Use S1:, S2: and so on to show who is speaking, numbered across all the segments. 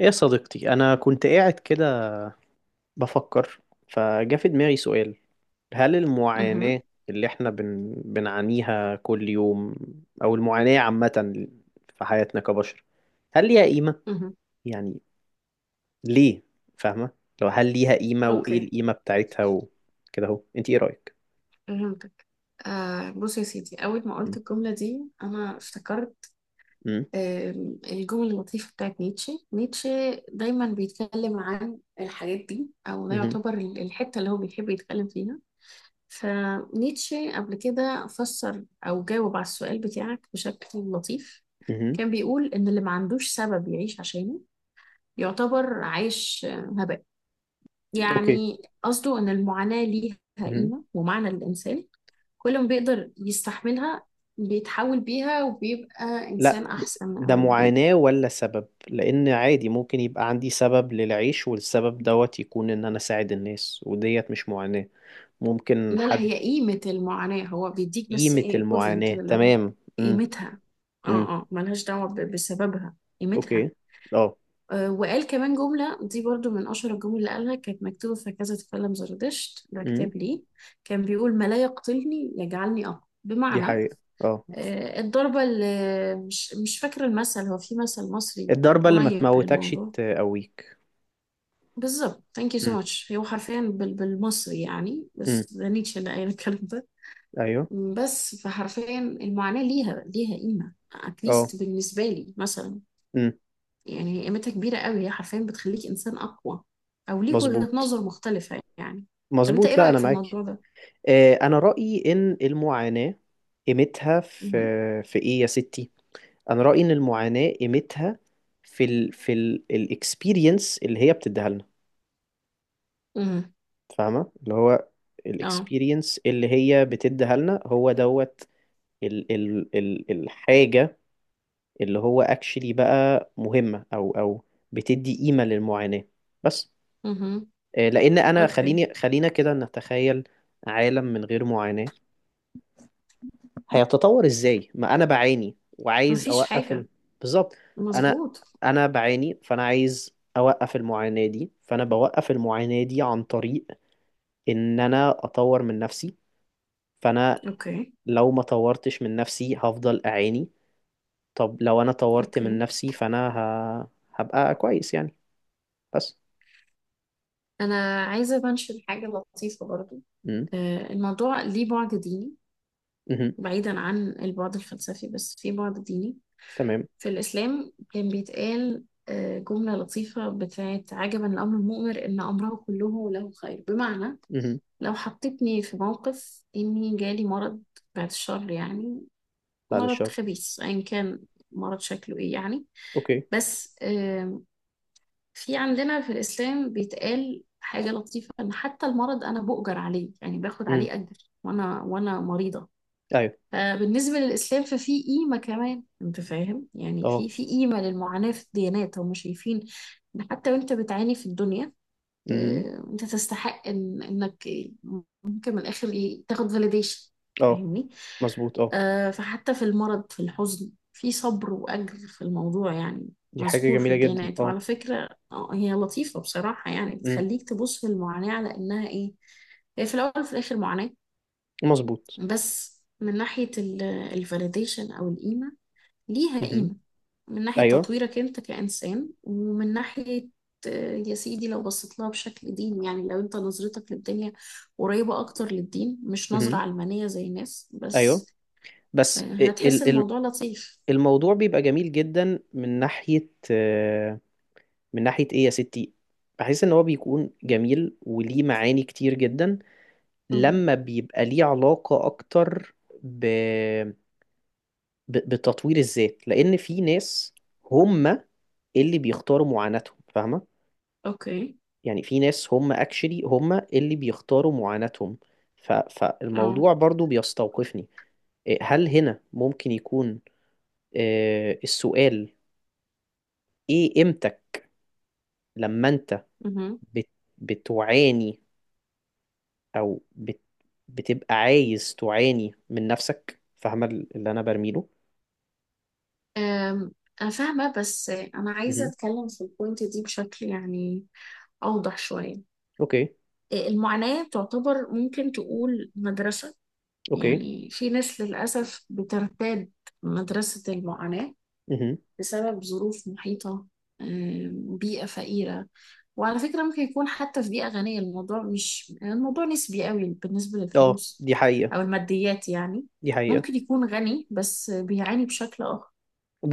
S1: ايه يا صديقتي، انا كنت قاعد كده بفكر. فجا في دماغي سؤال. هل المعاناة
S2: مهم.
S1: اللي احنا بنعانيها كل يوم او المعاناة عامة في حياتنا كبشر هل ليها قيمة؟
S2: مهم.
S1: يعني ليه؟ فاهمة؟ لو هل ليها قيمة وايه
S2: اوكي،
S1: القيمة بتاعتها وكده اهو، انت ايه رأيك؟
S2: فهمتك. آه، بص يا سيدي، أول ما
S1: مم.
S2: قلت الجملة دي أنا افتكرت
S1: مم.
S2: الجمل اللطيفة بتاعت نيتشه. دايما بيتكلم عن الحاجات دي، أو ده
S1: مهم.
S2: يعتبر الحتة اللي هو بيحب يتكلم فيها. فنيتشه قبل كده فسر أو جاوب على السؤال بتاعك بشكل لطيف.
S1: مهم.
S2: كان بيقول إن اللي ما عندوش سبب يعيش عشانه يعتبر عايش هباء.
S1: اوكي.
S2: يعني قصده إن المعاناة ليها
S1: مهم.
S2: قيمة ومعنى للإنسان. كل ما بيقدر يستحملها بيتحول بيها وبيبقى
S1: لا،
S2: إنسان أحسن،
S1: ده
S2: أو بي...
S1: معاناة ولا سبب؟ لأن عادي ممكن يبقى عندي سبب للعيش، والسبب دوت يكون إن أنا أساعد الناس، وديت مش معاناة. ممكن
S2: لا لا،
S1: حد.
S2: هي قيمة المعاناة هو بيديك، بس
S1: قيمة
S2: إيه equivalent
S1: المعاناة.
S2: كده اللي هو
S1: تمام. امم.
S2: قيمتها. اه
S1: امم.
S2: اه ملهاش دعوة بسببها.
S1: أوكي.
S2: قيمتها.
S1: اه.
S2: آه، وقال كمان جملة دي برضو من أشهر الجمل اللي قالها، كانت مكتوبة في كذا تكلم زردشت، ده
S1: امم.
S2: كتاب ليه. كان بيقول ما لا يقتلني يجعلني أقوى،
S1: دي
S2: بمعنى
S1: حقيقة. اه.
S2: آه، الضربة اللي مش فاكرة المثل، هو في مثل مصري
S1: الضربة اللي ما
S2: قريب
S1: تموتكش
S2: للموضوع.
S1: تقويك.
S2: بالظبط، thank you so
S1: امم.
S2: much، هو حرفيا بالمصري يعني،
S1: امم.
S2: بس ده نيتشه اللي قايل الكلام ده.
S1: أيوه.
S2: بس فحرفيا المعاناة ليها قيمة at
S1: اه.
S2: least بالنسبة لي مثلا.
S1: امم.
S2: يعني هي قيمتها كبيرة قوي، هي حرفيا بتخليك إنسان أقوى، أو ليك وجهة
S1: مظبوط.
S2: نظر مختلفة يعني. طب أنت
S1: مظبوط،
S2: إيه
S1: لا
S2: رأيك
S1: أنا
S2: في
S1: معاكي.
S2: الموضوع ده؟
S1: أنا رأيي إن المعاناة قيمتها
S2: مهم.
S1: في إيه يا ستي. انا رايي ان المعاناه قيمتها في الاكسبيرينس اللي هي بتديها لنا.
S2: مهم.
S1: فاهمه؟ اللي هو
S2: اه.
S1: الاكسبيرينس اللي هي بتديها لنا هو دوت ال ال ال الحاجه اللي هو اكشلي بقى مهمه او بتدي قيمه للمعاناه بس.
S2: مهم.
S1: لان انا
S2: أوكي.
S1: خلينا كده نتخيل عالم من غير معاناه هيتطور ازاي؟ ما انا بعاني وعايز
S2: مفيش
S1: اوقف.
S2: حاجة.
S1: بالظبط. انا
S2: مظبوط.
S1: انا بعاني، فانا عايز اوقف المعاناة دي، فانا بوقف المعاناة دي عن طريق ان انا اطور من نفسي. فانا
S2: أوكي.
S1: لو ما طورتش من نفسي هفضل اعاني. طب لو انا طورت من
S2: أوكي،
S1: نفسي فانا ه... هبقى كويس يعني. بس.
S2: أنا عايزة منشن حاجة لطيفة برضو.
S1: امم.
S2: آه، الموضوع ليه بعد ديني،
S1: امم.
S2: بعيدا عن البعد الفلسفي، بس في بعد ديني.
S1: تمام.
S2: في الإسلام كان بيتقال آه، جملة لطيفة بتاعت عجبا لأمر المؤمن إن أمره كله له خير، بمعنى
S1: امم.
S2: لو حطيتني في موقف إني جالي مرض، بعد الشر يعني،
S1: بعد
S2: مرض
S1: الشر.
S2: خبيث أيا كان، مرض شكله إيه يعني.
S1: اوكي.
S2: بس في عندنا في الإسلام بيتقال حاجة لطيفة، إن حتى المرض أنا بؤجر عليه، يعني باخد
S1: امم.
S2: عليه أجر وأنا وأنا مريضة.
S1: ايوه.
S2: آه، بالنسبة للإسلام ففي قيمة كمان، أنت فاهم يعني؟
S1: اه.
S2: في قيمة للمعاناة في الديانات، هم شايفين إن حتى وأنت بتعاني في الدنيا
S1: امم.
S2: آه، أنت تستحق إنك ممكن من الآخر إيه تاخد فاليديشن.
S1: اه.
S2: فاهمني؟
S1: مظبوط. اه،
S2: آه، فحتى في المرض، في الحزن، في صبر وأجر في الموضوع يعني،
S1: دي حاجة
S2: مذكور في
S1: جميلة جدا.
S2: الديانات.
S1: اه.
S2: وعلى فكرة آه، هي لطيفة بصراحة يعني،
S1: امم.
S2: بتخليك تبص للمعاناة على إنها إيه. هي في الأول وفي الآخر معاناة،
S1: مظبوط.
S2: بس من ناحية الفاليديشن أو القيمة، ليها
S1: مهم.
S2: قيمة، من ناحية
S1: ايوه.
S2: تطويرك أنت كإنسان، ومن ناحية آه، يا سيدي لو بصيت لها بشكل ديني يعني، لو أنت نظرتك للدنيا قريبة أكتر للدين مش نظرة
S1: مهم.
S2: علمانية زي الناس
S1: ايوه.
S2: بس، آه،
S1: بس
S2: هتحس
S1: ال- ال-
S2: الموضوع لطيف.
S1: الموضوع بيبقى جميل جدا من ناحية ايه يا ستي. بحس ان هو بيكون جميل وليه معاني كتير جدا
S2: مهم.
S1: لما بيبقى ليه علاقة اكتر ب... بتطوير الذات، لان في ناس هم اللي بيختاروا معاناتهم. فاهمة؟
S2: أوكي.
S1: يعني في ناس هم اكشلي هم اللي بيختاروا معاناتهم.
S2: أه.
S1: فالموضوع برضو بيستوقفني. إيه، هل هنا ممكن يكون السؤال ايه قيمتك لما انت
S2: مهم.
S1: بت بتعاني او بتبقى عايز تعاني من نفسك؟ فاهمة اللي انا برميله؟
S2: آم، أنا فاهمة، بس آه، أنا عايزة
S1: مهم.
S2: أتكلم في البوينت دي بشكل يعني أوضح شوية.
S1: اوكي.
S2: المعاناة تعتبر ممكن تقول مدرسة،
S1: اوكي.
S2: يعني في ناس للأسف بترتاد مدرسة المعاناة
S1: مهم.
S2: بسبب ظروف محيطة، بيئة فقيرة. وعلى فكرة ممكن يكون حتى في بيئة غنية الموضوع مش، الموضوع نسبي قوي بالنسبة
S1: اه،
S2: للفلوس
S1: دي
S2: أو
S1: حقيقة.
S2: الماديات يعني.
S1: دي
S2: ممكن
S1: حقيقة.
S2: يكون غني بس بيعاني بشكل آخر،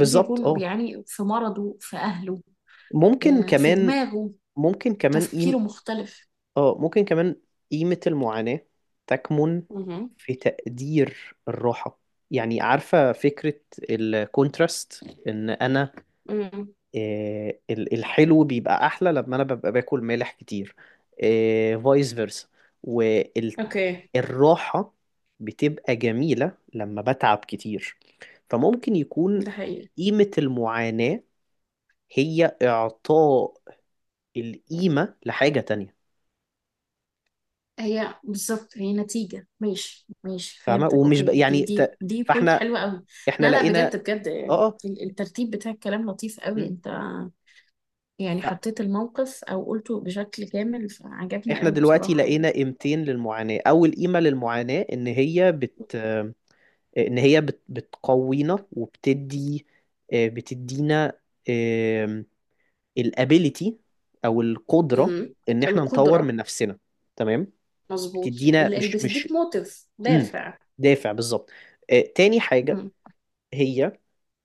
S2: ممكن يكون
S1: اه،
S2: بيعاني في مرضه، في أهله،
S1: ممكن
S2: آه، في
S1: كمان.
S2: دماغه،
S1: ممكن كمان
S2: تفكيره
S1: قيم.
S2: مختلف.
S1: اه، ممكن كمان. قيمة المعاناة تكمن
S2: مهم.
S1: في تقدير الراحة، يعني عارفة فكرة الكونتراست. ان انا
S2: مم.
S1: الحلو بيبقى احلى لما انا ببقى باكل مالح كتير. فايس فيرسا.
S2: اوكي.
S1: والراحة بتبقى جميلة لما بتعب كتير. فممكن يكون
S2: ده حقيقي.
S1: قيمة المعاناة هي إعطاء القيمة لحاجة تانية.
S2: هي بالظبط، هي نتيجة. ماشي ماشي،
S1: فاهمة؟
S2: فهمتك.
S1: ومش
S2: اوكي، دي
S1: يعني
S2: دي دي بوينت
S1: فاحنا
S2: حلوة قوي.
S1: احنا
S2: لا لا، بجد
S1: لقينا.
S2: بجد،
S1: اه. اه.
S2: الترتيب بتاع الكلام لطيف قوي،
S1: مم.
S2: انت يعني حطيت الموقف او قلته بشكل كامل، فعجبني
S1: فاحنا
S2: قوي
S1: دلوقتي
S2: بصراحة يعني.
S1: لقينا قيمتين للمعاناة. أول قيمة للمعاناة إن هي بت ان هي بت- بتقوينا وبتدي، بتدينا الابيليتي او القدره
S2: امم.
S1: ان احنا نطور
S2: القدرة.
S1: من نفسنا. تمام.
S2: مظبوط،
S1: بتدينا
S2: اللي
S1: مش مش
S2: بتديك موتيف،
S1: مم.
S2: دافع.
S1: دافع، بالظبط. تاني حاجه
S2: امم.
S1: هي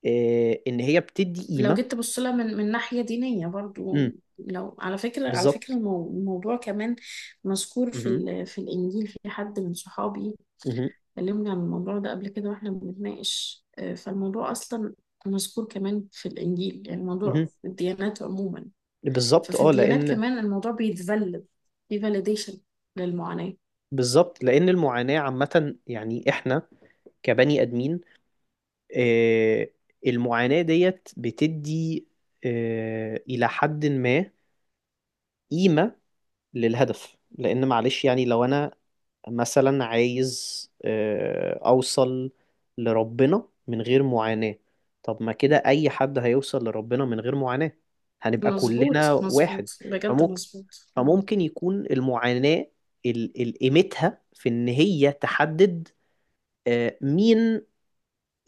S1: ان هي بتدي
S2: لو
S1: قيمه.
S2: جيت تبص لها من من ناحية دينية
S1: مم.
S2: برضو، لو على فكرة، على فكرة
S1: بالظبط.
S2: الموضوع كمان مذكور في
S1: مهم.
S2: في الإنجيل. في حد من صحابي
S1: مهم.
S2: اتكلمنا عن الموضوع ده قبل كده واحنا بنتناقش، آه، فالموضوع اصلا مذكور كمان في الانجيل. يعني الموضوع
S1: مهم.
S2: في الديانات عموما،
S1: بالظبط
S2: ففي
S1: اه
S2: الديانات
S1: لان
S2: كمان الموضوع بيتفلد، في فاليديشن للمعاناة.
S1: بالظبط لان المعاناه عامه، يعني احنا كبني ادمين. آه، المعاناة ديت بتدي إلى حد ما قيمة للهدف، لأن معلش يعني لو أنا مثلا عايز أوصل لربنا من غير معاناة. طب ما كده أي حد هيوصل لربنا من غير معاناة، هنبقى
S2: مظبوط
S1: كلنا واحد.
S2: مظبوط، بجد
S1: فممكن
S2: مظبوط.
S1: فممكن يكون المعاناة قيمتها في إن هي تحدد مين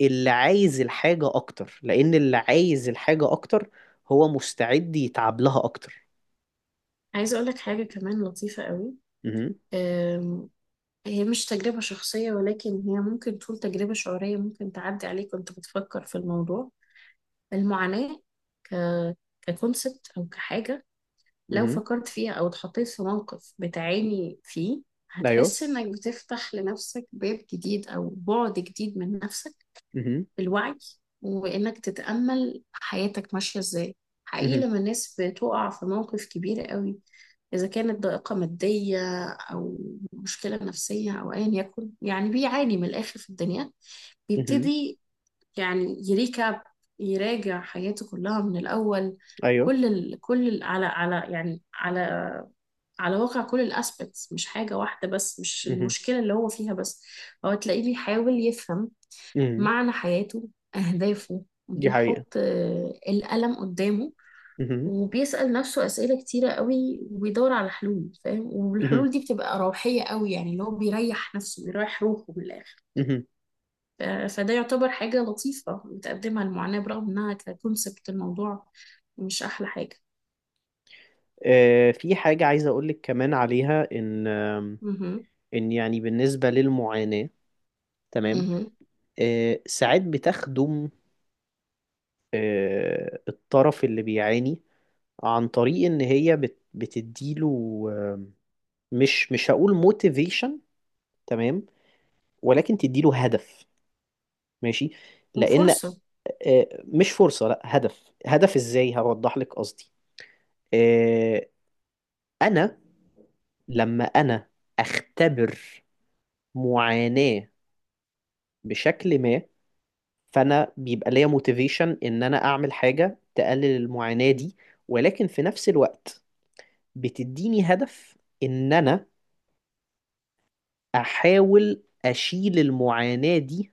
S1: اللي عايز الحاجة أكتر، لأن اللي عايز الحاجة أكتر هو مستعد يتعب لها أكتر.
S2: عايزة اقول لك حاجة كمان لطيفة قوي.
S1: مهم.
S2: آم، هي مش تجربة شخصية، ولكن هي ممكن تكون تجربة شعورية ممكن تعدي عليك وانت بتفكر في الموضوع. المعاناة ك ككونسبت او كحاجة، لو
S1: مهم.
S2: فكرت فيها او اتحطيت في موقف بتعاني فيه،
S1: أيوه.
S2: هتحس انك بتفتح لنفسك باب جديد او بعد جديد من نفسك
S1: مهم.
S2: بالوعي، وانك تتأمل حياتك ماشية ازاي. حقيقي
S1: مهم.
S2: لما الناس بتقع في موقف كبير قوي، اذا كانت ضائقة مادية او مشكلة نفسية او ايا يكن يعني، بيعاني من الاخر في الدنيا،
S1: مهم.
S2: بيبتدي يعني يريكاب، يراجع حياته كلها من الأول.
S1: أيوه.
S2: كل ال... كل ال... على على يعني على على واقع كل الاسبكتس، مش حاجة واحدة بس، مش
S1: مهم.
S2: المشكلة اللي هو فيها بس. هو تلاقيه بيحاول يفهم
S1: مهم.
S2: معنى حياته، أهدافه،
S1: دي حقيقة.
S2: بيحط آه، القلم قدامه
S1: مهم.
S2: وبيسأل نفسه أسئلة كتيرة قوي، وبيدور على حلول، فاهم؟
S1: مهم.
S2: والحلول دي بتبقى روحية قوي يعني، اللي هو بيريح نفسه، بيريح روحه من الآخر.
S1: مهم.
S2: فده يعتبر حاجة لطيفة بتقدمها المعاناة، برغم إنها ككونسبت الموضوع مش أحلى حاجة.
S1: في حاجة عايز أقولك كمان عليها. إن آم،
S2: مهم.
S1: إن يعني بالنسبة للمعاناة، تمام،
S2: مهم.
S1: ساعات بتخدم الطرف اللي بيعاني عن طريق إن هي بتديله مش هقول موتيفيشن، تمام، ولكن تديله هدف، ماشي، لان
S2: وفرصة.
S1: مش فرصه، لا هدف. هدف ازاي؟ هوضح لك قصدي. آه، انا لما انا اختبر معاناه بشكل ما فانا بيبقى ليا موتيفيشن ان انا اعمل حاجه تقلل المعاناه دي، ولكن في نفس الوقت بتديني هدف ان انا احاول اشيل المعاناه دي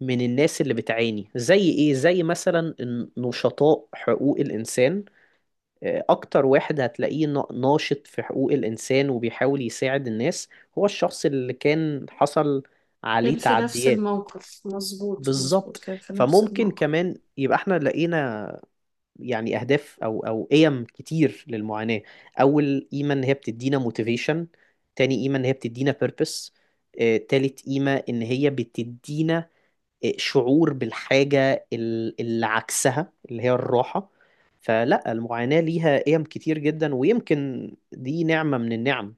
S1: من الناس اللي بتعاني. زي ايه؟ زي مثلا نشطاء حقوق الانسان. اكتر واحد هتلاقيه ناشط في حقوق الانسان وبيحاول يساعد الناس هو الشخص اللي كان حصل
S2: كان
S1: عليه
S2: في نفس
S1: تعديات.
S2: الموقف، مظبوط مظبوط،
S1: بالظبط.
S2: كان في نفس
S1: فممكن
S2: الموقف.
S1: كمان يبقى احنا لقينا يعني اهداف او قيم كتير للمعاناة. اول قيمة ان هي بتدينا موتيفيشن. تاني قيمة ان هي بتدينا بيربس. تالت قيمة ان هي بتدينا شعور بالحاجة اللي عكسها اللي هي الراحة. فلا، المعاناة ليها قيم كتير جدا، ويمكن دي نعمة من النعم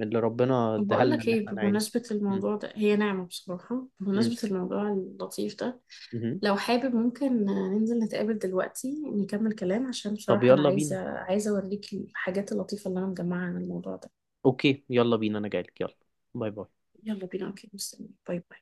S1: اللي ربنا
S2: طب
S1: اداها
S2: بقول
S1: لنا
S2: لك
S1: ان
S2: ايه،
S1: احنا نعاني.
S2: بمناسبة
S1: م-
S2: الموضوع ده هي نعمة بصراحة.
S1: م-
S2: بمناسبة الموضوع اللطيف ده،
S1: مهم.
S2: لو حابب ممكن ننزل نتقابل دلوقتي نكمل كلام، عشان
S1: طب
S2: بصراحة أنا
S1: يلا
S2: عايزة
S1: بينا.
S2: عايزة أوريك الحاجات اللطيفة اللي أنا مجمعها عن الموضوع ده.
S1: اوكي يلا بينا، انا جايلك يلا. باي باي.
S2: يلا بينا. أوكي، مستني. باي باي.